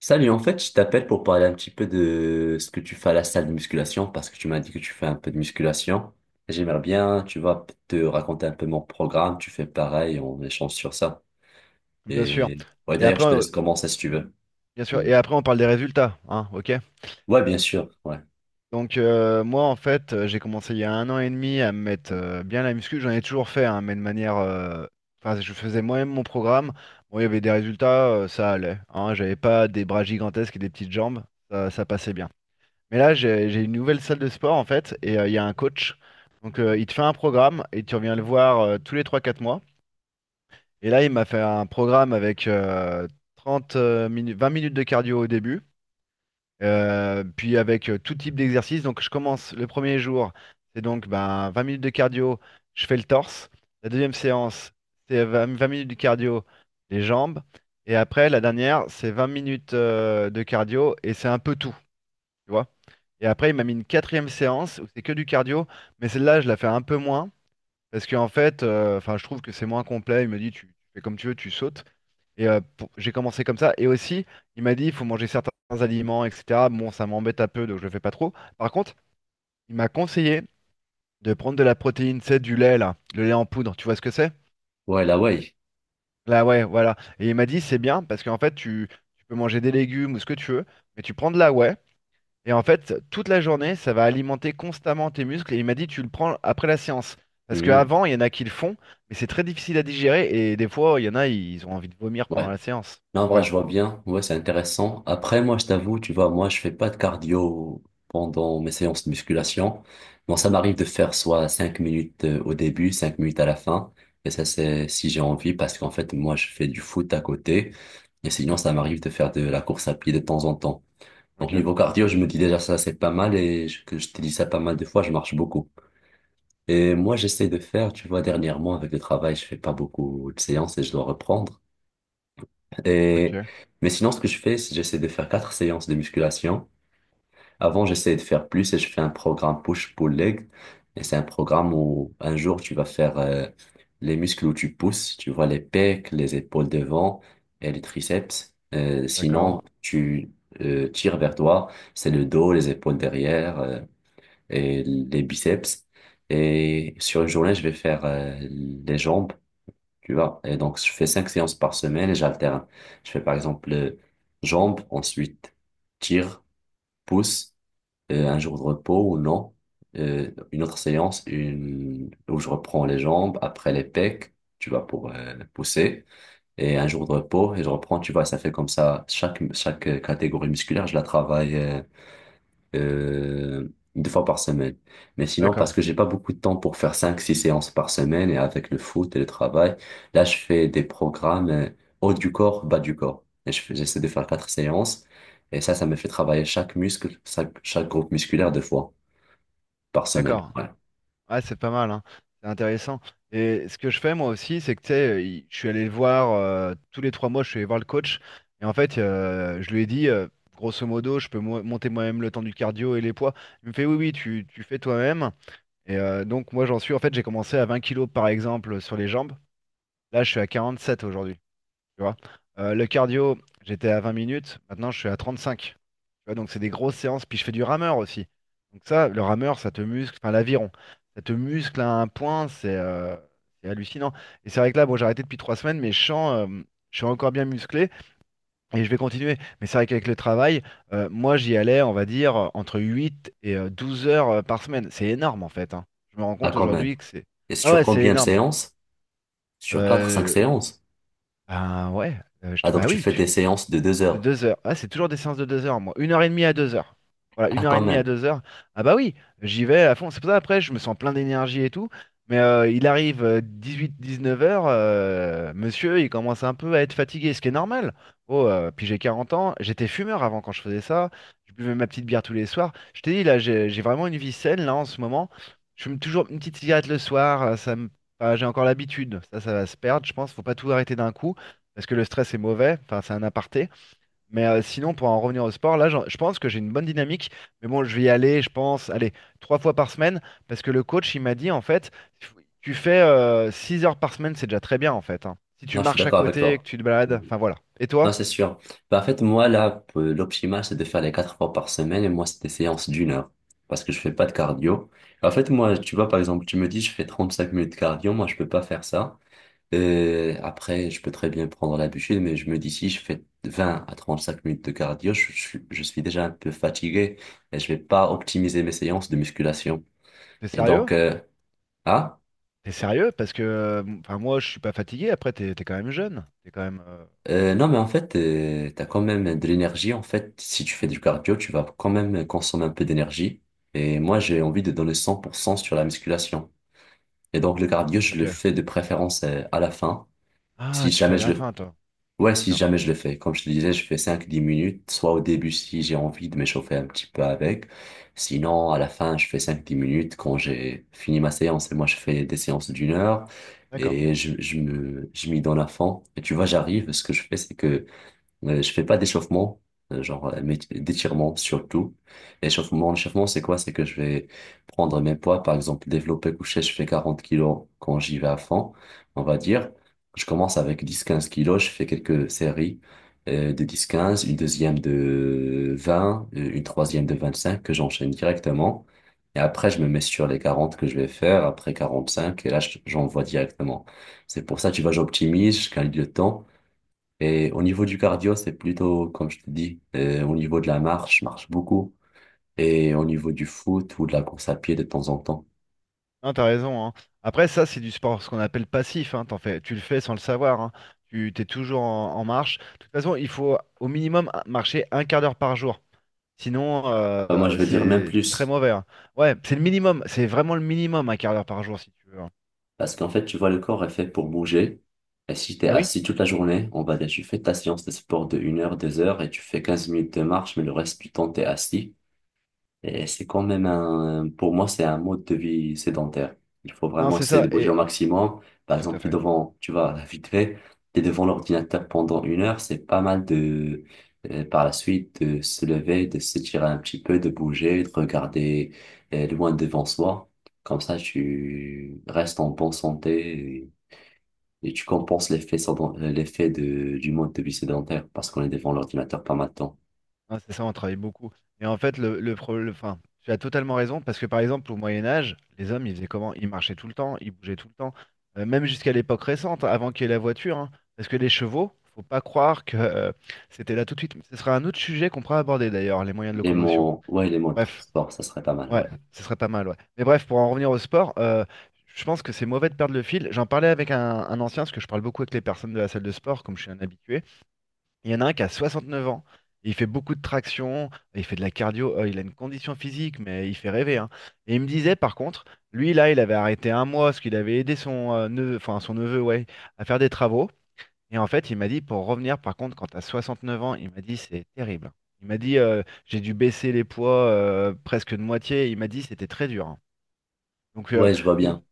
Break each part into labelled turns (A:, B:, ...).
A: Salut, en fait, je t'appelle pour parler un petit peu de ce que tu fais à la salle de musculation parce que tu m'as dit que tu fais un peu de musculation. J'aimerais bien, tu vois, te raconter un peu mon programme. Tu fais pareil, on échange sur ça.
B: Bien sûr.
A: Et ouais,
B: Et
A: d'ailleurs,
B: après,
A: je te laisse commencer si tu veux.
B: bien sûr.
A: Mhm.
B: Et après, on parle des résultats, hein, ok?
A: Ouais, bien sûr. Ouais.
B: Donc moi, en fait, j'ai commencé il y a un an et demi à me mettre bien la muscu. J'en ai toujours fait, hein, mais de manière, enfin, je faisais moi-même mon programme. Bon, il y avait des résultats, ça allait. Hein, j'avais pas des bras gigantesques et des petites jambes, ça passait bien. Mais là, j'ai une nouvelle salle de sport en fait, et il y a un coach. Donc il te fait un programme et tu reviens le voir tous les trois, quatre mois. Et là, il m'a fait un programme avec 30 minutes, 20 minutes de cardio au début. Puis avec tout type d'exercice. Donc je commence le premier jour, c'est donc ben, 20 minutes de cardio, je fais le torse. La deuxième séance, c'est 20 minutes de cardio, les jambes. Et après, la dernière, c'est 20 minutes de cardio et c'est un peu tout, tu vois. Et après, il m'a mis une quatrième séance où c'est que du cardio, mais celle-là, je la fais un peu moins parce qu'en fait, enfin, je trouve que c'est moins complet. Il me dit, tu fais comme tu veux, tu sautes. Et j'ai commencé comme ça. Et aussi, il m'a dit, il faut manger certains aliments, etc. Bon, ça m'embête un peu, donc je le fais pas trop. Par contre, il m'a conseillé de prendre de la protéine, c'est du lait, là, le lait en poudre. Tu vois ce que c'est?
A: Ouais, la way.
B: Là, ouais, voilà. Et il m'a dit, c'est bien parce qu'en fait, tu peux manger des légumes ou ce que tu veux, mais tu prends de la whey. Et en fait, toute la journée, ça va alimenter constamment tes muscles. Et il m'a dit, tu le prends après la séance. Parce
A: Mhm.
B: qu'avant, il y en a qui le font, mais c'est très difficile à digérer. Et des fois, il y en a, ils ont envie de vomir pendant
A: Ouais.
B: la séance.
A: Non, en vrai,
B: Voilà.
A: je vois bien. Ouais, c'est intéressant. Après, moi, je t'avoue, tu vois, moi, je fais pas de cardio pendant mes séances de musculation. Bon, ça m'arrive de faire soit 5 minutes au début, 5 minutes à la fin. Et ça, c'est si j'ai envie, parce qu'en fait, moi, je fais du foot à côté. Et sinon, ça m'arrive de faire de la course à pied de temps en temps. Donc,
B: Ok,
A: niveau cardio, je me dis déjà, ça, c'est pas mal. Et que je te dis ça pas mal de fois, je marche beaucoup. Et moi, j'essaie de faire, tu vois, dernièrement, avec le travail, je fais pas beaucoup de séances et je dois reprendre. Et,
B: ok,
A: mais sinon, ce que je fais, c'est j'essaie de faire quatre séances de musculation. Avant, j'essayais de faire plus et je fais un programme push-pull-leg. Et c'est un programme où un jour, tu vas faire les muscles où tu pousses. Tu vois les pecs, les épaules devant et les triceps. Euh,
B: d'accord.
A: sinon, tu tires vers toi. C'est le dos, les épaules derrière et les biceps. Et sur une journée, je vais faire les jambes. Tu vois, et donc je fais cinq séances par semaine et j'alterne. Je fais par exemple jambes, ensuite tir, pouce, un jour de repos ou non, une autre séance où je reprends les jambes, après les pecs, tu vois, pour pousser, et un jour de repos et je reprends, tu vois, ça fait comme ça, chaque catégorie musculaire, je la travaille euh, deux fois par semaine. Mais sinon, parce
B: D'accord,
A: que j'ai pas beaucoup de temps pour faire cinq, six séances par semaine et avec le foot et le travail, là, je fais des programmes haut du corps, bas du corps. Et j'essaie de faire quatre séances. Et ça me fait travailler chaque muscle, chaque groupe musculaire deux fois par semaine.
B: d'accord.
A: Ouais.
B: Ah, c'est pas mal, hein. C'est intéressant. Et ce que je fais moi aussi, c'est que tu sais, je suis allé le voir tous les trois mois, je suis allé voir le coach. Et en fait, je lui ai dit, grosso modo, je peux monter moi-même le temps du cardio et les poids. Il me fait, oui, oui, tu fais toi-même. Et donc, moi, j'en suis, en fait, j'ai commencé à 20 kilos par exemple sur les jambes. Là, je suis à 47 aujourd'hui. Tu vois. Le cardio, j'étais à 20 minutes. Maintenant, je suis à 35. Tu vois, donc c'est des grosses séances. Puis je fais du rameur aussi. Donc ça, le rameur, ça te muscle, enfin l'aviron, ça te muscle à un point, c'est hallucinant. Et c'est vrai que là, bon, j'ai arrêté depuis trois semaines, mais je sens, je suis encore bien musclé et je vais continuer. Mais c'est vrai qu'avec le travail, moi j'y allais, on va dire, entre 8 et 12 heures par semaine. C'est énorme en fait, hein. Je me rends
A: Ah,
B: compte
A: quand même.
B: aujourd'hui que c'est...
A: Et
B: Ah
A: sur
B: ouais, c'est
A: combien de
B: énorme.
A: séances? Sur quatre, cinq
B: Euh,
A: séances.
B: ben ouais, euh, je
A: Ah,
B: te-
A: donc
B: bah
A: tu
B: oui,
A: fais des
B: tu,
A: séances de deux
B: de
A: heures.
B: deux heures. Ah, c'est toujours des séances de deux heures, moi. Une heure et demie à deux heures. Voilà,
A: Ah,
B: une heure
A: quand
B: et demie à
A: même.
B: deux heures. Ah bah oui, j'y vais à fond. C'est pour ça, après, je me sens plein d'énergie et tout. Mais il arrive 18-19 heures, monsieur, il commence un peu à être fatigué, ce qui est normal. Oh, puis j'ai 40 ans, j'étais fumeur avant quand je faisais ça. Je buvais ma petite bière tous les soirs. Je t'ai dit, là, j'ai vraiment une vie saine, là, en ce moment. Je fume toujours une petite cigarette le soir, ça me... enfin, j'ai encore l'habitude. Ça va se perdre, je pense. Faut pas tout arrêter d'un coup, parce que le stress est mauvais. Enfin, c'est un aparté. Mais sinon, pour en revenir au sport, là, je pense que j'ai une bonne dynamique. Mais bon, je vais y aller, je pense, allez, trois fois par semaine, parce que le coach, il m'a dit, en fait, tu fais six heures par semaine, c'est déjà très bien, en fait, hein. Si tu
A: Là, je suis
B: marches à
A: d'accord avec
B: côté, et que
A: toi.
B: tu te balades, enfin voilà. Et
A: Non,
B: toi,
A: c'est sûr. Bah, en fait, moi, là, l'optimal, c'est de faire les quatre fois par semaine et moi, c'est des séances d'1 heure parce que je fais pas de cardio. En fait, moi, tu vois, par exemple, tu me dis, je fais 35 minutes de cardio, moi, je peux pas faire ça. Après, je peux très bien prendre la bûche, mais je me dis, si je fais 20 à 35 minutes de cardio, je suis déjà un peu fatigué et je vais pas optimiser mes séances de musculation.
B: t'es
A: Et
B: sérieux?
A: donc, hein?
B: T'es sérieux? Parce que, enfin, moi, je suis pas fatigué. Après, t'es quand même jeune. T'es quand même.
A: Non, mais en fait, t'as quand même de l'énergie. En fait, si tu fais du cardio, tu vas quand même consommer un peu d'énergie. Et moi, j'ai envie de donner 100% sur la musculation. Et donc, le cardio, je le
B: Ok.
A: fais de préférence à la fin.
B: Ah,
A: Si
B: tu fais
A: jamais
B: à
A: je
B: la
A: le,
B: fin, toi.
A: ouais, si
B: D'accord.
A: jamais je le fais. Comme je te disais, je fais 5-10 minutes, soit au début si j'ai envie de m'échauffer un petit peu avec. Sinon, à la fin, je fais cinq dix minutes quand j'ai fini ma séance. Et moi, je fais des séances d'une heure.
B: D'accord.
A: Et je m'y donne à fond. Et tu vois, j'arrive. Ce que je fais, c'est que je fais pas d'échauffement, mais d'étirement surtout. L'échauffement, c'est quoi? C'est que je vais prendre mes poids, par exemple, développé couché, je fais 40 kilos quand j'y vais à fond, on va dire. Je commence avec 10-15 kilos, je fais quelques séries de 10-15 une deuxième de 20 une troisième de 25 que j'enchaîne directement. Et après, je me mets sur les 40 que je vais faire, après 45 et là, j'envoie directement. C'est pour ça, tu vois, j'optimise, je gagne du temps. Et au niveau du cardio, c'est plutôt, comme je te dis, au niveau de la marche, je marche beaucoup. Et au niveau du foot ou de la course à pied de temps en temps.
B: Non, t'as raison, hein. Après, ça, c'est du sport, ce qu'on appelle passif, hein. T'en fais, tu le fais sans le savoir, hein. Tu t'es toujours en, en marche. De toute façon, il faut au minimum marcher un quart d'heure par jour. Sinon,
A: Bah, moi, je vais dire même
B: c'est très
A: plus.
B: mauvais, hein. Ouais, c'est le minimum. C'est vraiment le minimum, un quart d'heure par jour, si tu veux, hein.
A: Parce qu'en fait, tu vois, le corps est fait pour bouger. Et si t'es
B: Ah oui?
A: assis toute la journée, on va dire, tu fais ta séance de sport de 1 heure, 2 heures et tu fais 15 minutes de marche, mais le reste du temps, t'es assis. Et c'est quand même pour moi, c'est un mode de vie sédentaire. Il faut
B: Non,
A: vraiment
B: c'est
A: essayer
B: ça.
A: de bouger au
B: Et
A: maximum. Par
B: tout à
A: exemple, t'es
B: fait.
A: devant, tu vois, vite fait, t'es devant l'ordinateur pendant 1 heure, c'est pas mal par la suite, de se lever, de s'étirer un petit peu, de bouger, de regarder, loin devant soi. Comme ça, tu restes en bonne santé et tu compenses l'effet du mode de vie sédentaire parce qu'on est devant l'ordinateur pas mal de temps.
B: Ah, c'est ça, on travaille beaucoup. Et en fait, le problème, enfin, tu as totalement raison, parce que par exemple, au Moyen Âge, les hommes, ils faisaient comment? Ils marchaient tout le temps, ils bougeaient tout le temps. Même jusqu'à l'époque récente, avant qu'il y ait la voiture, hein, parce que les chevaux, faut pas croire que c'était là tout de suite. Ce sera un autre sujet qu'on pourra aborder d'ailleurs, les moyens de
A: Les
B: locomotion.
A: mots, ouais, les mots de
B: Bref,
A: transport, ça serait pas mal,
B: ouais,
A: ouais.
B: ce serait pas mal, ouais. Mais bref, pour en revenir au sport, je pense que c'est mauvais de perdre le fil. J'en parlais avec un ancien, parce que je parle beaucoup avec les personnes de la salle de sport, comme je suis un habitué. Il y en a un qui a 69 ans. Il fait beaucoup de traction, il fait de la cardio, il a une condition physique, mais il fait rêver, hein. Et il me disait par contre, lui là, il avait arrêté un mois parce qu'il avait aidé son neveu, enfin son neveu, ouais, à faire des travaux. Et en fait, il m'a dit pour revenir, par contre, quand t'as 69 ans, il m'a dit c'est terrible. Il m'a dit j'ai dû baisser les poids presque de moitié. Il m'a dit c'était très dur, hein. Donc
A: Ouais, je vois
B: nous-
A: bien.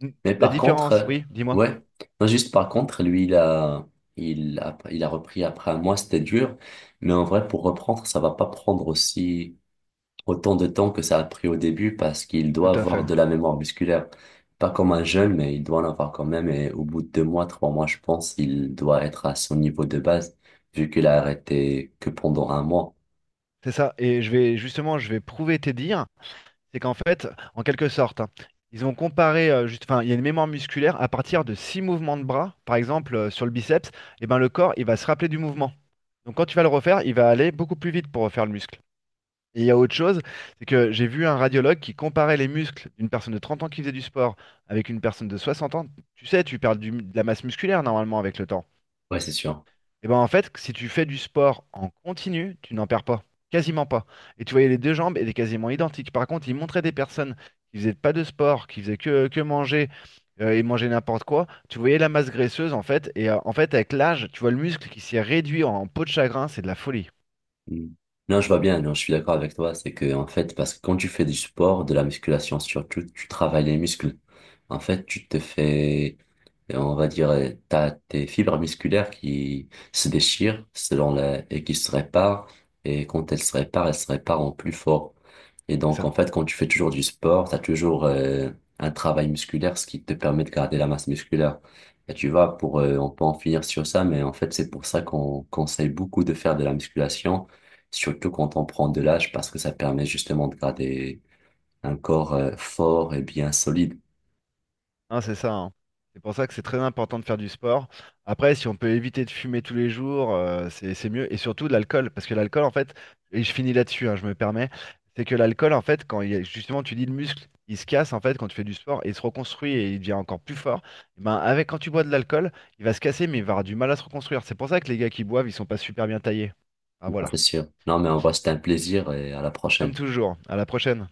B: nous-
A: Mais
B: la
A: par contre,
B: différence, oui, dis-moi.
A: ouais, non, juste par contre, lui, il a repris après un mois, c'était dur. Mais en vrai, pour reprendre, ça va pas prendre aussi autant de temps que ça a pris au début parce qu'il doit
B: Tout à
A: avoir
B: fait.
A: de la mémoire musculaire. Pas comme un jeune, mais il doit en avoir quand même. Et au bout de 2 mois, 3 mois, je pense, il doit être à son niveau de base vu qu'il a arrêté que pendant un mois.
B: C'est ça. Et je vais justement, je vais prouver tes dires, c'est qu'en fait, en quelque sorte, hein, ils ont comparé, juste, enfin, il y a une mémoire musculaire à partir de six mouvements de bras, par exemple sur le biceps, et ben le corps, il va se rappeler du mouvement. Donc quand tu vas le refaire, il va aller beaucoup plus vite pour refaire le muscle. Et il y a autre chose, c'est que j'ai vu un radiologue qui comparait les muscles d'une personne de 30 ans qui faisait du sport avec une personne de 60 ans. Tu sais, tu perds de la masse musculaire normalement avec le temps.
A: Ouais, c'est sûr.
B: Et ben en fait, si tu fais du sport en continu, tu n'en perds pas, quasiment pas. Et tu voyais les deux jambes, elles étaient quasiment identiques. Par contre, ils montraient des personnes qui faisaient pas de sport, qui faisaient que manger et manger n'importe quoi. Tu voyais la masse graisseuse en fait, et en fait avec l'âge, tu vois le muscle qui s'est réduit en peau de chagrin, c'est de la folie.
A: Mm. Non, je vois bien, non, je suis d'accord avec toi. C'est que, en fait, parce que quand tu fais du sport, de la musculation surtout, tu travailles les muscles. En fait, tu te fais, on va dire, t'as tes fibres musculaires qui se déchirent et qui se réparent. Et quand elles se réparent en plus fort. Et
B: C'est
A: donc,
B: ça.
A: en fait, quand tu fais toujours du sport, t'as toujours un travail musculaire, ce qui te permet de garder la masse musculaire. Et tu vois, on peut en finir sur ça, mais en fait, c'est pour ça qu'on conseille beaucoup de faire de la musculation, surtout quand on prend de l'âge, parce que ça permet justement de garder un corps fort et bien solide.
B: Hein, c'est ça, hein. C'est pour ça que c'est très important de faire du sport. Après, si on peut éviter de fumer tous les jours, c'est mieux. Et surtout de l'alcool, parce que l'alcool, en fait, et je finis là-dessus, hein, je me permets, c'est que l'alcool, en fait, quand il y a- justement tu dis le muscle, il se casse en fait quand tu fais du sport, et il se reconstruit et il devient encore plus fort. Et ben avec quand tu bois de l'alcool, il va se casser, mais il va avoir du mal à se reconstruire. C'est pour ça que les gars qui boivent, ils sont pas super bien taillés. Ah
A: Non,
B: voilà.
A: c'est sûr. Non, mais en vrai, c'était un plaisir et à la
B: Comme
A: prochaine.
B: toujours. À la prochaine.